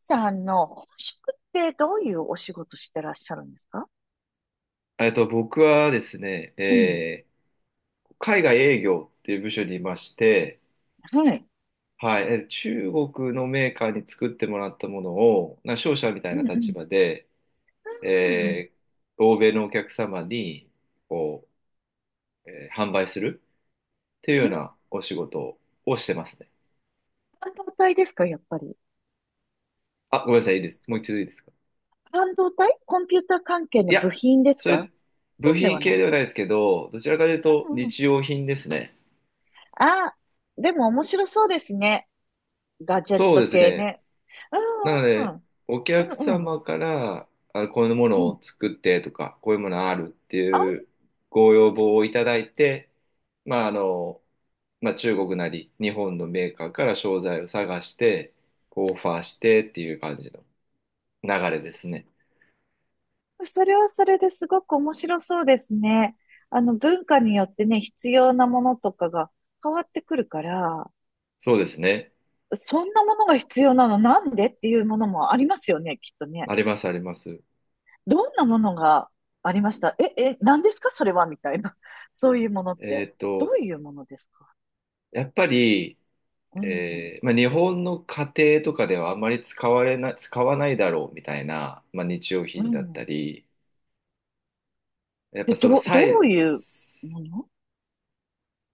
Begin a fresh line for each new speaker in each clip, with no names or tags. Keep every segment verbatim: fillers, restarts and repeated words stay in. さんの本職ってどういうお仕事してらっしゃるんですか？
えっと、僕はですね、
うん。
えー海外営業っていう部署にいまして、
はい。
はい、えー中国のメーカーに作ってもらったものを、な商社みたい
う
な
んう
立
ん。
場で、
うんうんうん。
えー欧米のお客様にこう、えー販売するっていうよ
う
うな
ん。
お仕事をしてますね。
半導体ですか、やっぱり。
あ、ごめんなさい、いいです。
そ
もう
う、
一度いいですか。
半導体コンピューター関係
い
の
や、
部品です
それ、
か？
部
そうで
品
はな
系
い。
ではないですけど、どちらかというと
うんうん。
日用品ですね。
あ、でも面白そうですね。ガジェッ
そう
ト
です
系
ね。
ね。う
なの
んう
で、
ん
お客
うん。うんうん。
様から、あ、こういうも
う
の
ん。
を作ってとか、こういうものあるってい
あ、
うご要望をいただいて、まあ、あの、まあ、中国なり日本のメーカーから商材を探して、こうオファーしてっていう感じの流れですね。
それはそれですごく面白そうですね。あの、文化によってね、必要なものとかが変わってくるから。
そうですね。
そんなものが必要なのなんでっていうものもありますよね、きっとね。
あります、あります。
どんなものがありました？え、え、何ですかそれはみたいな。そういうものっ
え
て。
っ
ど
と、
ういうものですか？
やっぱり、
うん。
えーまあ、日本の家庭とかではあまり使われな、使わないだろうみたいな、まあ、日用
う
品だった
ん。
り、やっ
で、
ぱその
ど、
さ
ど
い、
ういうもの。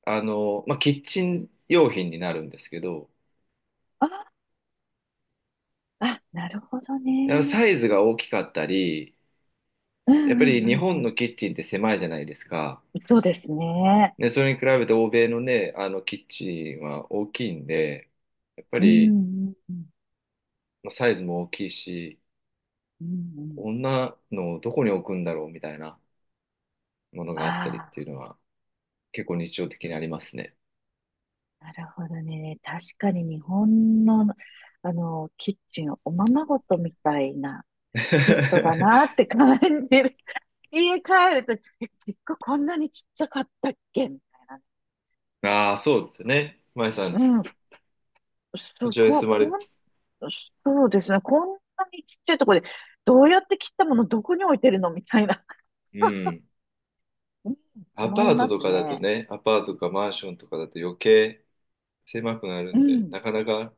あの、まあ、キッチン用品になるんですけど、
あ、あ、なるほど
やっぱ
ね。
サイズが大きかったり、
うん
やっぱ
うん
り
う
日
んう
本の
ん。
キッチンって狭いじゃないですか。
そうですね。
で、それに比べて欧米のね、あのキッチンは大きいんで、やっぱ
うんう
り
んうん
まあサイズも大きいし、
うんうん。
こんなのをどこに置くんだろうみたいなものがあったりっ
あ
てい
あ、
うのは結構日常的にありますね。
なるほどね。確かに日本の、あの、キッチン、おままごとみたいなペットだなっ て感じる。家帰ると、え結構こんなにちっちゃかったっけみたいな。
ああ、そうですよね。まえさん、
うん。そ
そ
う、
ちらに
こ、
住ま
こ
れ、
ん、そうですね。こんなにちっちゃいところで、どうやって切ったものどこに置いてるのみたいな。
うん。
うん、
ア
思
パ
い
ート
ま
と
す
かだと
ね。
ね、アパートとかマンションとかだと余計狭くなる
う
んで、
ん。
なかなか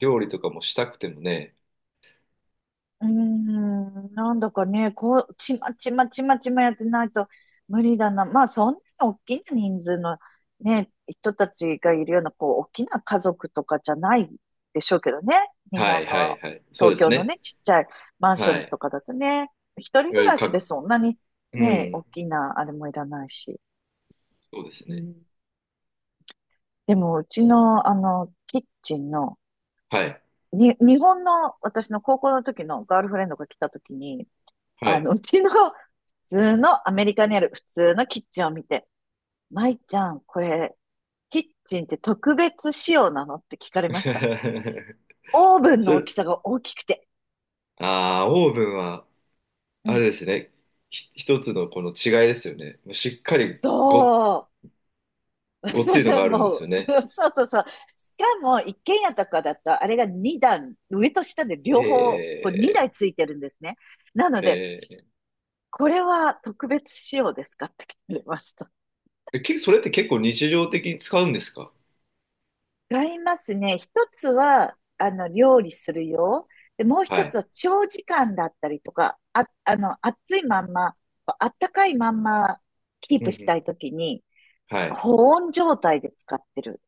料理とかもしたくてもね。
うーん、なんだかね、こう、ちまちまちまちまやってないと無理だな。まあ、そんなに大きな人数のね、人たちがいるような、こう、大きな家族とかじゃないでしょうけどね。日
はい
本
は
の、
いはい。そうで
東
す
京の
ね。
ね、ちっちゃいマンショ
は
ン
い。
とかだとね、一
い
人
わ
暮
ゆる
らしで
各、
そんなに
う
ね、大
ん。
きなあれもいらないし。
そうです
う
ね。
ん。でも、うちの、あの、キッチンの、
はい。
に、日本の、私の高校の時のガールフレンドが来た時に、
は
あ
い。
の、うちの普通のアメリカにある普通のキッチンを見て、舞ちゃん、これ、キッチンって特別仕様なのって聞かれました。オーブ ン
そ
の
れ、
大きさが大きくて。
ああ、オーブンは、
う
あれ
ん。
ですね。ひ一つのこの違いですよね。もうしっかりご、
そう。
ごついのが あるんで
も
すよ
う、
ね。
そうそうそう。しかも、一軒家とかだと、あれがにだん段、上と下で
え
両方、こうにだい
え、
ついてるんですね。なので、
ええ、
これは特別仕様ですかって聞かれました。
えけそれって結構日常的に使うんですか？
違いますね。一つは、あの、料理するよ。で、もう
は
一つ
い。
は長時間だったりとか、あ、あの、暑いまんま、あったかいまんまキー
うんう
プし
ん。
たいときに、
はい。
保温状態で使ってる。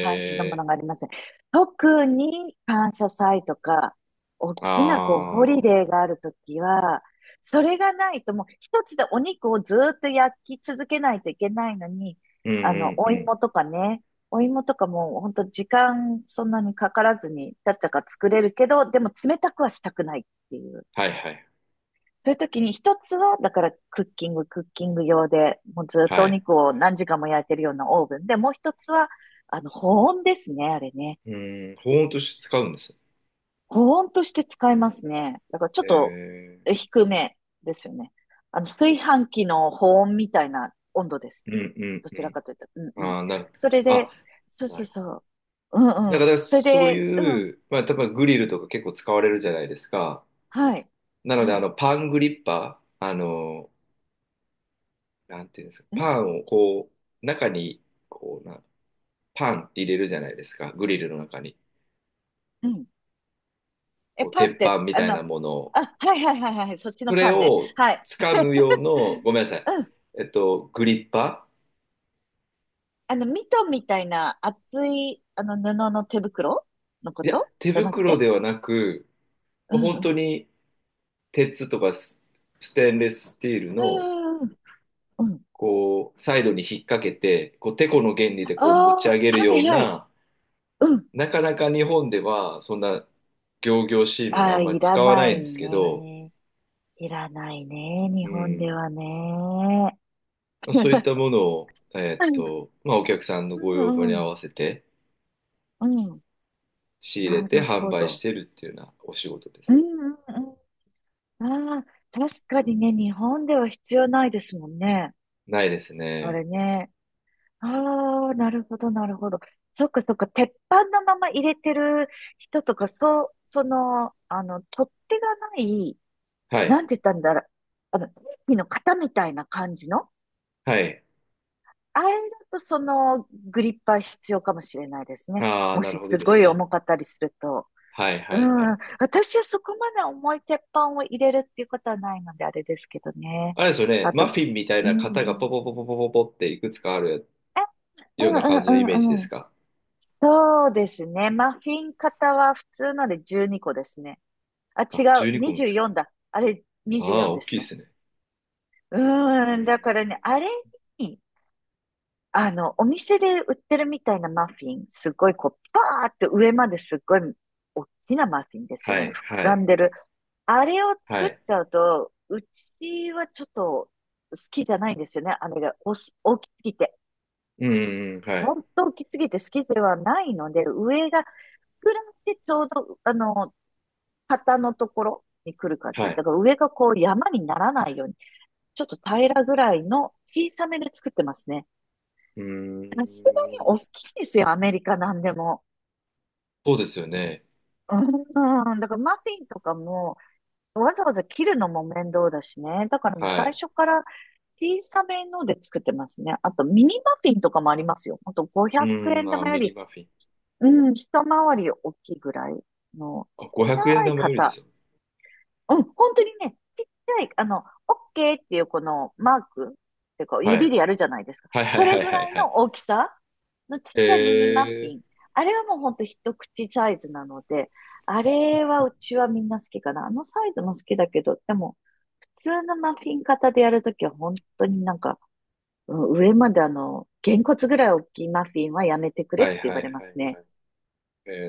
感じのものがあります。特に感謝祭とか、大
ー、
きなこう、ホリ
あ
デ
あ、
ーがあるときは、それがないともう一つでお肉をずーっと焼き続けないといけないのに、
うん
あ
う
の、
ん
お
うん。
芋とかね、お芋とかも本当時間そんなにかからずに、ちゃっちゃか作れるけど、でも冷たくはしたくないっていう。
はいはい。
そういう時に一つは、だからクッキング、クッキング用で、もうずっと
は
お
い。
肉を何時間も焼いてるようなオーブンで、もう一つは、あの、保温ですね、あれね。
うん、保温として使うんです。
保温として使いますね。だからちょ
え
っと
ー、
低めですよね。あの、炊飯器の保温みたいな温度です。
うんうん
どち
う
ら
ん。
かというと。うんうん。
ああ、なる、
それ
あ、
で、そう
な
そう
るほ
そう。うん
ど。だ
うん。
から
それ
そう
で、う
い
ん。
う、まあ、多分グリルとか結構使われるじゃないですか。
はい。
なので、
は
あ
い。
の、パングリッパー、あの、なんていうんですか、
ん
パンをこう、中に、こうな、パンって入れるじゃないですか、グリルの中に。
うん。え、
こう、
パンっ
鉄板
て、
み
あ
たい
の、
なものを。
あ、はいはいはいはい。そっち
そ
の
れ
パンね。
を
はい。
掴む用の、ごめんなさい、
うん。
えっと、グリッパ
あの、ミトンみたいな厚い、あの、布の手袋のこ
ーいや、
と
手
じゃなく
袋
て。
ではなく、
う
もう
んう
本当
ん。
に鉄とかス、ステンレススチール
う
の、
んうんうん。
こう、サイドに引っ掛けて、こう、テコの原理
あ
でこう持ち上げ
あ、
る
は
よ
い
う
はい。
な、
うん。
なかなか日本ではそんな仰々しいもの
あ
あ
あ、
んまり
いら
使わな
な
いん
い
ですけど、
ね。いらないね。日
う
本で
ん、
はね。
まあ、そういっ
う
たものを、えっ
ん
と、まあ、お客さんの
う
ご要望に
んう
合わ
ん。
せて
うん、
仕入れ
な
て
る
販
ほ
売し
ど。
てるっていうようなお仕事です
う
ね。
んうんうん。ああ、確かにね、日本では必要ないですもんね。
ないです
あ
ね。
れね。ああ、なるほど、なるほど。そっかそっか、鉄板のまま入れてる人とか、そう、その、あの、取っ手がない、
は
な
い。
んて言ったんだろう、あの、ケーキの型みたいな感じの、
はい。
あれだとそのグリッパー必要かもしれないですね。
ああ、
も
な
し
るほど
す
で
ご
す
い
ね。
重かったりすると。
はい
う
はいは
ん、
い。
私はそこまで重い鉄板を入れるっていうことはないので、あれですけどね。
あれですよね。
あと、
マフィンみたい
う
な
ん、
型
う
がポ
ん、
ポポポポポポっていくつかある
え、う
よう
ん、
な
う
感じのイメージで
ん、う
す
ん、
か？
そうですね。マフィン型は普通のでじゅうにこですね。あ、違
あ、12
う。
個もつ
にじゅうよんだ。あれ、
ああ、
にじゅうよんで
大き
す
いで
ね。
すね。
う
う
ーん。
ー
だからね、
ん。
あれに、あの、お店で売ってるみたいなマフィン、すごいこう、パーって上まですっごい大きなマフィンですよ
は
ね。膨
いは
ら
い
んでる。あれを
は
作っ
い。
ちゃうと、うちはちょっと好きじゃないんですよね。あれがおす大きすぎて。
うーん、はい。
本当大きすぎて好きではないので、上が膨らんでちょうど、あの、肩のところに来る感
は
じ。だ
い。
から上がこう山にならないように、ちょっと平らぐらいの小さめで作ってますね。
う
さすがに
ー
大
ん。
きいですよ、アメリカなんでも。
そうですよね。
うん、だからマフィンとかも、わざわざ切るのも面倒だしね。だからもう
は
最
い。
初から小さめので作ってますね。あとミニマフィンとかもありますよ。ほんと
う
500
ーん、
円
あ、
玉よ
ミニ
り、
マフィン。
うん、一回り大きいぐらいの、
あ、
ちっ
500
ち
円
ゃい
玉よりです
型。
よ。
うん、本当にね、ちっちゃい、あの、OK っていうこのマークっていうか、
は
指
い。
でやるじゃないですか。
はいはい
そ
は
れ
い
ぐ
はい
らい
はい。
の大きさのちっちゃいミニマッフ
え
ィン。
ー。
あれはもうほんと一口サイズなので、あれはうちはみんな好きかな。あのサイズも好きだけど、でも、普通のマフィン型でやるときは本当になんか、うん、上まであの、げんこつぐらい大きいマフィンはやめてくれっ
は
て
い
言
は
わ
い
れま
は
す
い
ね。
はい。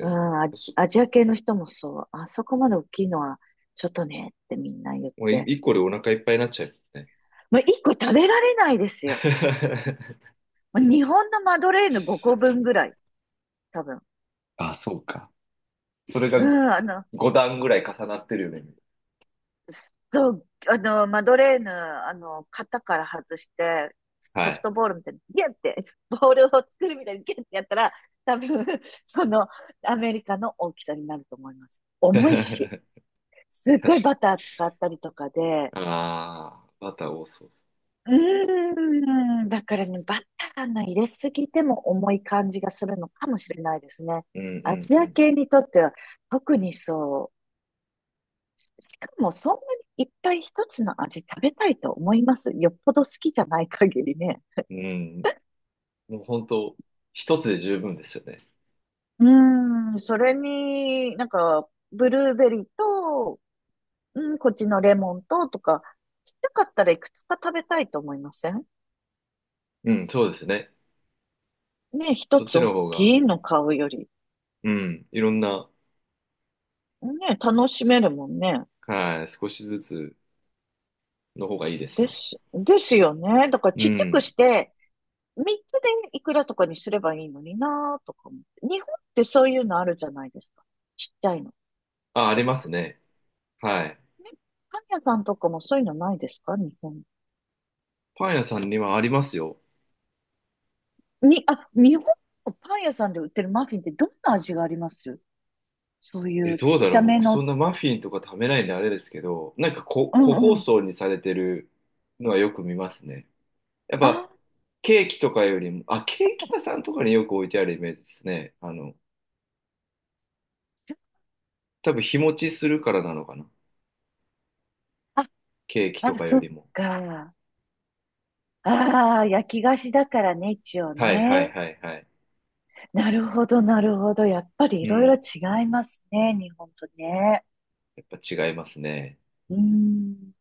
う
ー
ん、アジ、
そ
アジア系の人もそう。あそこまで大きいのは、ちょっとねってみんな言っ
もうい
て。
一個でお腹いっぱいになっちゃうね。
もう一個食べられないですよ。もう日本のマドレーヌごこぶんぐらい、多分。
あ、そうか。それ
う
が
ん、あの、
ご段ぐらい重なってるよね。
そう、あの、マドレーヌ、あの、型から外して、
は
ソフ
い。
トボールみたいに、ギュって、ボールを作るみたいにギュってやったら、多分、その、アメリカの大きさになると思います。重いし、
確
すっ
か
ごい
に。
バター使ったりとかで、
ああ、バター多そう。
うーん、だからね、バターの入れすぎても重い感じがするのかもしれないですね。
う
ア
ん
ジ
う
ア
ん
系にとっては特にそう。しかもそんなにいっぱい一つの味食べたいと思います。よっぽど好きじゃない限りね。
うん。うん。もう本当、一つで十分ですよね。
うーん、それになんか、ブルーベリーと、うん、こっちのレモンととか、ちっちゃかったらいくつか食べたいと思いません？
うん、そうですね。
ね、一
そっ
つ
ち
大
の方が、
きいの買うより、
うん、いろんな、
ね、楽しめるもんね。
はい、少しずつの方がいいです
で
ね。
す、ですよね。だから
う
ちっちゃく
ん。
して、みっつでいくらとかにすればいいのになぁとか思って。日本ってそういうのあるじゃないですか。ちっちゃいの。
あ、あり
よ
ます
く。
ね。はい。
ね。パン屋さんとかもそういうのないですか、日本？
パン屋さんにはありますよ。
に、あ、日本のパン屋さんで売ってるマフィンってどんな味があります？そうい
え、
うちっ
どうだ
ち
ろう
ゃめ
僕そん
の。
なマフィンとか食べないんであれですけど、なんかこ、
うん
個包
うん。
装にされてるのはよく見ますね。やっ
あ、
ぱ、ケーキとかよりも、あ、ケーキ屋さんとかによく置いてあるイメージですね。あの、多分日持ちするからなのかな。
あ、
ケーキと
あ、
かよ
そ
り
っ
も。
か。ああ、焼き菓子だからね、一応
はいはい
ね。
はいはい。
なるほど、なるほど。やっぱり
う
いろいろ
ん。
違いますね、日本とね。
やっぱ違いますね。
うーん。